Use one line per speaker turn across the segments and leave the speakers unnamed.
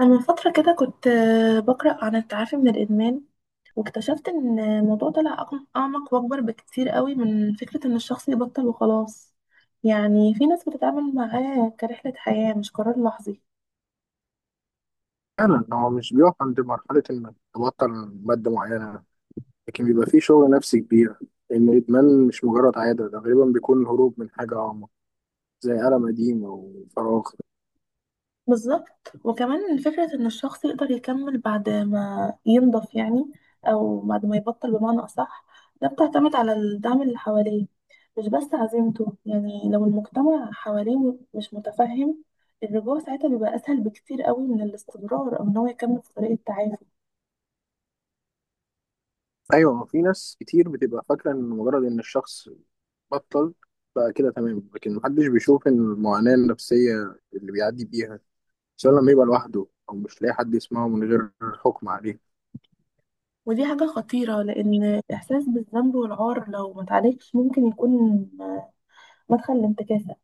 أنا من فترة كده كنت بقرأ عن التعافي من الإدمان، واكتشفت إن الموضوع طلع أعمق وأكبر بكتير قوي من فكرة إن الشخص يبطل وخلاص. يعني في ناس بتتعامل معاه كرحلة حياة مش قرار لحظي.
فعلا هو مش بيقف عند مرحلة إنك تبطل مادة معينة، لكن بيبقى فيه شغل نفسي كبير لأن الإدمان مش مجرد عادة، ده غالبا بيكون هروب من حاجة أعمق، زي ألم قديم أو فراغ.
بالظبط، وكمان فكرة إن الشخص يقدر يكمل بعد ما ينضف يعني، أو بعد ما يبطل بمعنى أصح. ده بتعتمد على الدعم اللي حواليه، مش بس عزيمته. يعني لو المجتمع حواليه مش متفهم، الرجوع ساعتها بيبقى أسهل بكتير قوي من الاستمرار أو إن هو يكمل في طريق التعافي.
أيوة، في ناس كتير بتبقى فاكرة إن مجرد إن الشخص بطل بقى كده تمام، لكن محدش بيشوف إن المعاناة النفسية اللي بيعدي بيها، سواء لما يبقى لوحده أو مش لاقي حد يسمعه من غير حكم عليه.
ودي حاجة خطيرة، لأن الإحساس بالذنب والعار لو ما اتعالجش ممكن يكون مدخل لانتكاسة.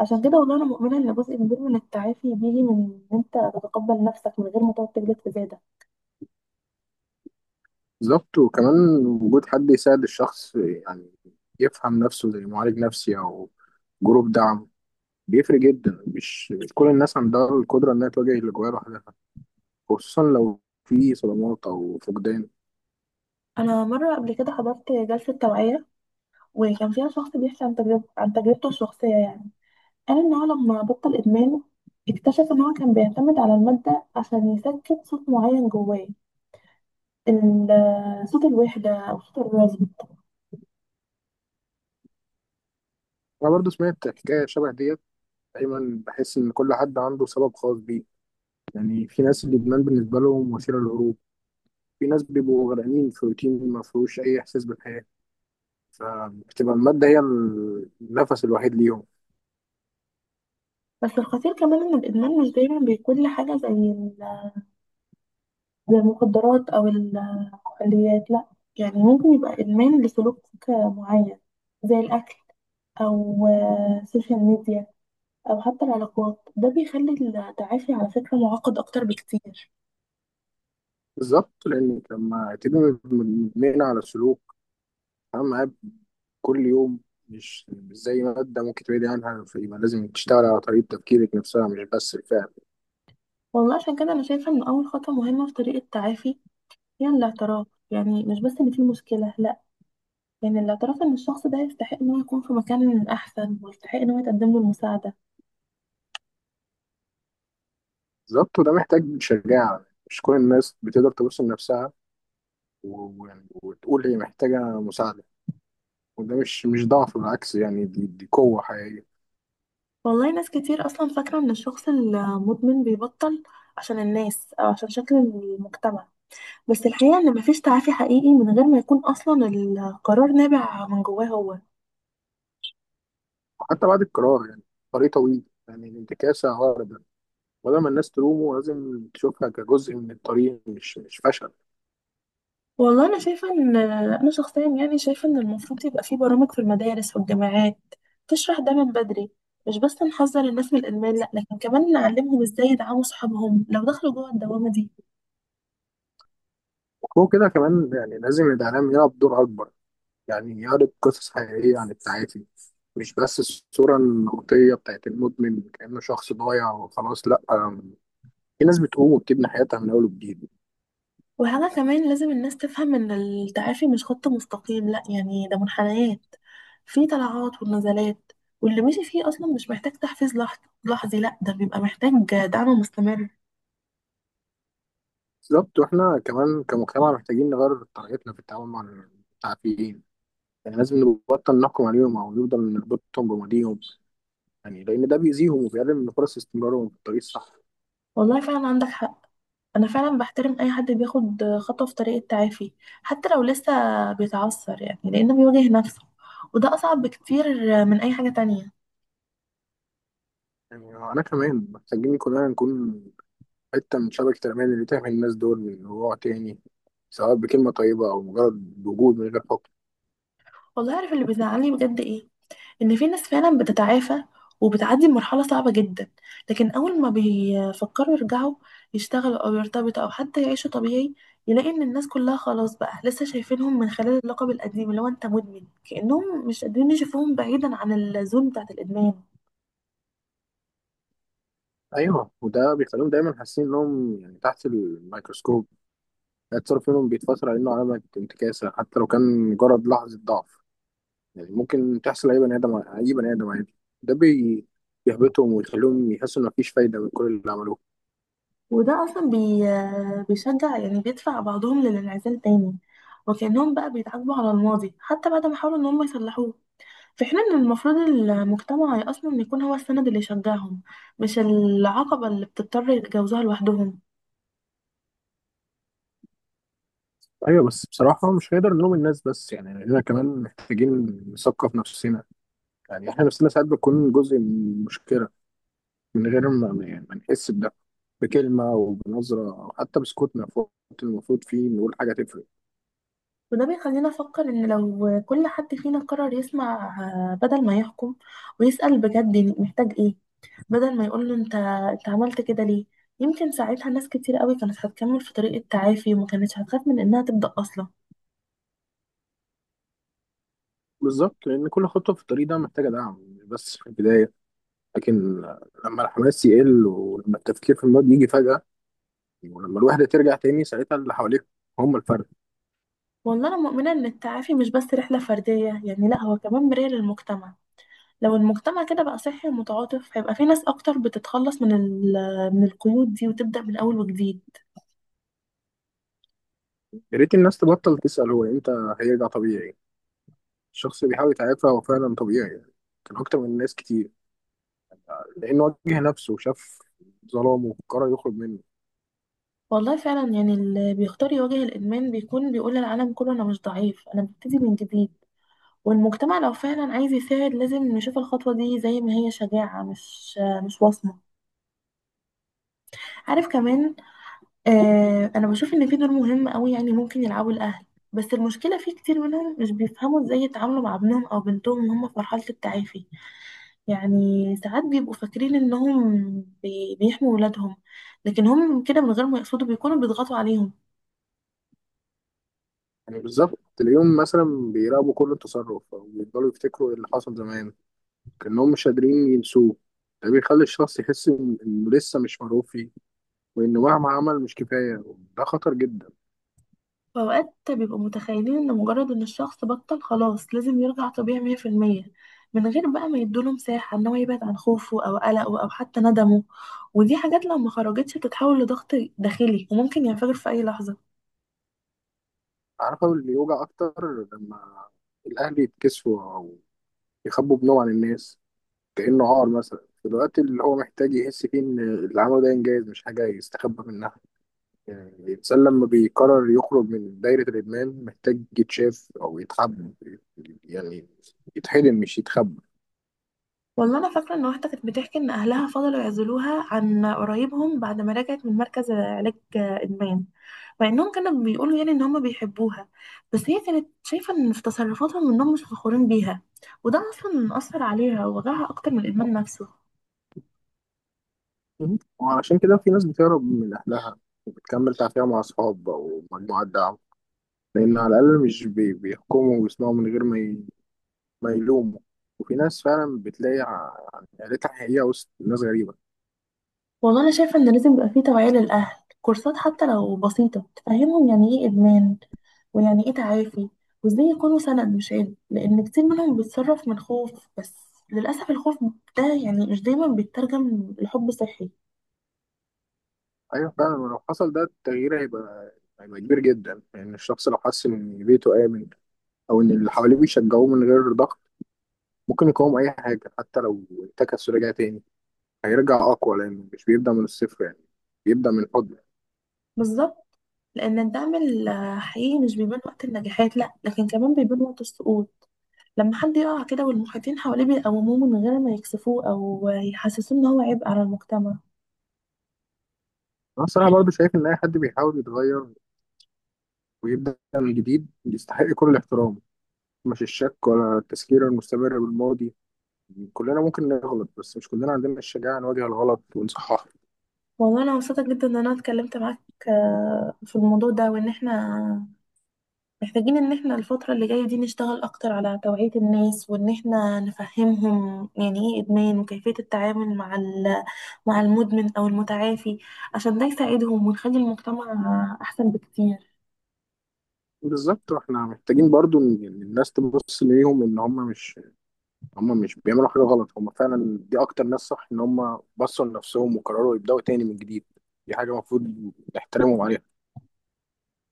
عشان كده والله انا مؤمنه ان جزء كبير من التعافي بيجي من ان انت تتقبل نفسك من غير ما تقعد تجلد في زيادة.
بالظبط، وكمان وجود حد يساعد الشخص يعني يفهم نفسه، زي معالج نفسي أو جروب دعم، بيفرق جدا. مش كل الناس عندها القدرة إنها تواجه الأجواء لوحدها، خصوصا لو في صدمات أو فقدان.
انا مره قبل كده حضرت جلسه توعيه، وكان فيها شخص بيحكي عن تجربته الشخصيه يعني. قال ان هو لما بطل ادمان، اكتشف ان هو كان بيعتمد على الماده عشان يسكت صوت معين جواه، صوت الوحده او صوت الرفض.
أنا برضو سمعت حكاية شبه ديت. دايما بحس إن كل حد عنده سبب خاص بيه، يعني في ناس الإدمان بالنسبة لهم وسيلة للهروب. في ناس بيبقوا غرقانين في روتين ما فيهوش أي إحساس بالحياة، فبتبقى المادة هي النفس الوحيد ليهم.
بس الخطير كمان ان الادمان مش دايما بيكون لحاجه زي المخدرات او ال اليات، لا. يعني ممكن يبقى إدمان لسلوك معين، زي الأكل، أو السوشيال ميديا، أو حتى العلاقات. ده بيخلي التعافي على فكرة معقد أكتر بكتير.
بالظبط، لأن لما تبقى مدمنة على السلوك، أنا معايا كل يوم، مش زي مادة ممكن تبعد عنها، فيبقى لازم تشتغل على طريقة تفكيرك نفسها، مش بس الفهم.
والله عشان كده أنا شايفة إن أول خطوة مهمة في طريق التعافي هي الاعتراف. يعني مش بس إن في مشكلة، لا. يعني الاعتراف إن الشخص ده يستحق إن هو يكون في مكان أحسن، ويستحق إن هو يتقدم له المساعدة.
بالظبط، وده محتاج شجاعة. مش كل الناس بتقدر تبص لنفسها و- و- وتقول هي محتاجة مساعدة، وده مش ضعف، بالعكس، يعني دي قوة حقيقية.
والله ناس كتير أصلا فاكرة إن الشخص المدمن بيبطل عشان الناس أو عشان شكل المجتمع، بس الحقيقة إن مفيش تعافي حقيقي من غير ما يكون أصلا القرار نابع من جواه هو.
وحتى بعد القرار يعني طريق طويل، يعني الانتكاسة عارضة، ولما الناس تلومه لازم تشوفها كجزء من الطريق، مش فشل.
والله أنا شايفة إن أنا شخصيا، يعني شايفة إن المفروض يبقى في برامج في المدارس والجامعات تشرح ده من بدري. مش بس نحذر الناس من الإدمان، لأ، لكن كمان نعلمهم إزاي يدعموا صحابهم لو دخلوا جوه الدوامة دي.
وكده كمان يعني لازم الإعلام يلعب دور أكبر، يعني يعرض قصص حقيقية عن التعافي، مش بس الصورة النمطية بتاعت المدمن كأنه شخص ضايع وخلاص. لأ، في ناس بتقوم وبتبني حياتها من أول وجديد.
وحاجة كمان لازم الناس تفهم إن التعافي مش خط مستقيم، لأ، يعني ده منحنيات، في طلعات ونزلات. واللي ماشي فيه أصلا مش محتاج تحفيز لحظي، لأ، ده بيبقى محتاج دعم مستمر.
بالظبط، وإحنا كمان كمجتمع محتاجين نغير طريقتنا في التعامل مع التعافيين، يعني لازم نبطل نحكم عليهم أو نفضل نربطهم بماضيهم، يعني لأن ده بيأذيهم وبيقلل من فرص استمرارهم في الطريق الصح.
والله فعلا عندك حق. انا فعلا بحترم اي حد بياخد خطوه في طريق التعافي، حتى لو لسه بيتعثر، يعني لانه بيواجه نفسه، وده اصعب بكتير من اي حاجه تانية.
يعني أنا كمان محتاجين كلنا نكون حتة من شبكة الأمان اللي تحمي الناس دول من وقوع تاني، سواء بكلمة طيبة أو مجرد وجود من غير حكم.
والله عارف اللي بيزعلني بجد ايه؟ ان في ناس فعلا بتتعافى وبتعدي بمرحله صعبه جدا، لكن اول ما بيفكروا يرجعوا يشتغلوا او يرتبطوا او حتى يعيشوا طبيعي، يلاقي ان الناس كلها خلاص بقى لسه شايفينهم من خلال اللقب القديم اللي هو انت مدمن، كانهم مش قادرين يشوفوهم بعيدا عن الزون بتاعت الادمان.
أيوه، وده بيخليهم دايما حاسين إنهم يعني تحت الميكروسكوب، التصرف منهم بيتفسر على إنه علامة انتكاسة حتى لو كان مجرد لحظة ضعف، يعني ممكن تحصل أي بني آدم، أي بني آدم عادي. ده بي- بيحبطهم ويخليهم يحسوا إن مفيش فايدة من كل اللي عملوه.
وده أصلا بيشجع، يعني بيدفع بعضهم للانعزال تاني، وكأنهم بقى بيتعاقبوا على الماضي حتى بعد ما حاولوا إن هم يصلحوه. في حين إن المفروض المجتمع أصلا يكون هو السند اللي يشجعهم، مش العقبة اللي بتضطر يتجاوزوها لوحدهم.
أيوه، بس بصراحة مش هنقدر نلوم الناس بس، يعني إحنا كمان محتاجين نثقف نفسنا، يعني إحنا نفسنا ساعات بنكون جزء من المشكلة من غير يعني ما نحس بده، بكلمة أو بنظرة أو حتى بسكوتنا في وقت المفروض فيه نقول حاجة تفرق.
وده بيخلينا أفكر إن لو كل حد فينا قرر يسمع، بدل ما يحكم، ويسأل بجد محتاج إيه، بدل ما يقول له أنت عملت كده ليه، يمكن ساعتها ناس كتير قوي كانت هتكمل في طريق التعافي، وما كانتش هتخاف من إنها تبدأ أصلا.
بالظبط، لأن كل خطوة في الطريق ده محتاجة دعم، مش بس في البداية، لكن لما الحماس يقل، ولما التفكير في الماضي يجي فجأة، ولما الوحدة ترجع تاني، ساعتها اللي حواليك هم الفرق.
والله أنا مؤمنة إن التعافي مش بس رحلة فردية، يعني لأ، هو كمان مراية للمجتمع. لو المجتمع كده بقى صحي ومتعاطف، هيبقى في ناس أكتر بتتخلص من من القيود دي وتبدأ من أول وجديد.
يا ريت الناس تبطل تسأل هو إمتى هيرجع طبيعي، الشخص اللي بيحاول يتعافى هو فعلا طبيعي، يعني كان أكتر من ناس كتير، لأنه واجه نفسه وشاف ظلامه وقرر يخرج منه.
والله فعلا، يعني اللي بيختار يواجه الإدمان بيكون بيقول للعالم كله أنا مش ضعيف، أنا ببتدي من جديد. والمجتمع لو فعلا عايز يساعد لازم نشوف الخطوة دي زي ما هي شجاعة، مش وصمة. عارف كمان، انا بشوف ان في دور مهم قوي يعني ممكن يلعبوا الاهل، بس المشكله في كتير منهم مش بيفهموا ازاي يتعاملوا مع ابنهم او بنتهم وهم في مرحله التعافي. يعني ساعات بيبقوا فاكرين انهم بيحموا ولادهم، لكن هم كده من غير ما يقصدوا بيكونوا بيضغطوا عليهم.
يعني بالظبط تلاقيهم مثلا بيراقبوا كل تصرف او بيفضلوا يفتكروا اللي حصل زمان، كأنهم مش قادرين ينسوه. ده بيخلي الشخص يحس إن- انه لسه مش مرغوب فيه، وانه مهما عمل مش كفايه، وده خطر جدا.
فاوقات بيبقوا متخيلين ان مجرد ان الشخص بطل خلاص لازم يرجع طبيعي 100%، من غير بقى ما يدوله مساحه ان هو يبعد عن خوفه او قلقه او حتى ندمه. ودي حاجات لو ما خرجتش بتتحول لضغط داخلي، وممكن ينفجر في اي لحظه.
عارفه اللي يوجع اكتر، لما الاهل يتكسفوا او يخبوا ابنهم عن الناس كأنه عار مثلا، في الوقت اللي هو محتاج يحس فيه ان اللي عمله ده انجاز، مش حاجه يستخبى منها. يعني الإنسان لما بيقرر يخرج من دايرة الإدمان محتاج يتشاف أو يتحب، يعني يتحضن مش يتخبى.
والله انا فاكره ان واحده كانت بتحكي ان اهلها فضلوا يعزلوها عن قرايبهم بعد ما رجعت من مركز علاج ادمان، مع انهم كانوا بيقولوا يعني ان هم بيحبوها، بس هي كانت شايفه ان في تصرفاتهم انهم مش فخورين بيها، وده اصلا اثر عليها ووجعها اكتر من الادمان نفسه.
مهم. وعشان كده في ناس بتهرب من أهلها وبتكمل تعافيها مع أصحاب أو مجموعة دعم، لأن على الأقل مش بي- بيحكموا ويسمعوا من غير ما يلوموا. وفي ناس فعلا بتلاقي عيلتها حقيقية وسط ناس غريبة.
والله انا شايفه ان لازم يبقى في توعيه للاهل، كورسات حتى لو بسيطه تفهمهم يعني ايه ادمان، ويعني ايه تعافي، وازاي يكونوا سند مش عيب، لان كتير منهم بيتصرف من خوف بس. للاسف الخوف ده يعني مش دايما بيترجم لحب صحي.
أيوة فعلا، ولو حصل ده التغيير هيبقى كبير جدا، يعني الشخص لو حس إن بيته آمن، أو إن اللي حواليه بيشجعوه من غير ضغط، ممكن يقاوم أي حاجة. حتى لو انتكس ورجع تاني، هيرجع أقوى، لأنه مش بيبدأ من الصفر، يعني بيبدأ من الحضن.
بالظبط، لان الدعم حقيقي مش بيبان وقت النجاحات، لا، لكن كمان بيبان وقت السقوط، لما حد يقع كده والمحيطين حواليه بيقوموه من غير ما يكسفوه او يحسسوه ان هو عبء على المجتمع.
أنا الصراحة برضه شايف إن أي حد بيحاول يتغير ويبدأ من جديد يستحق كل الاحترام، مش الشك ولا التذكير المستمر بالماضي. كلنا ممكن نغلط، بس مش كلنا عندنا الشجاعة نواجه الغلط ونصححه.
والله انا مبسوطه جدا ان انا اتكلمت معاك في الموضوع ده، وان احنا محتاجين ان احنا الفتره اللي جايه دي نشتغل اكتر على توعيه الناس، وان احنا نفهمهم يعني ايه ادمان وكيفيه التعامل مع مع المدمن او المتعافي، عشان ده يساعدهم ونخلي المجتمع احسن بكتير.
بالظبط، واحنا محتاجين برضه إن الناس تبص ليهم إن هم مش بيعملوا حاجة غلط، هم فعلا دي أكتر ناس صح إن هم بصوا لنفسهم وقرروا يبدأوا تاني من جديد، دي حاجة المفروض نحترمهم عليها.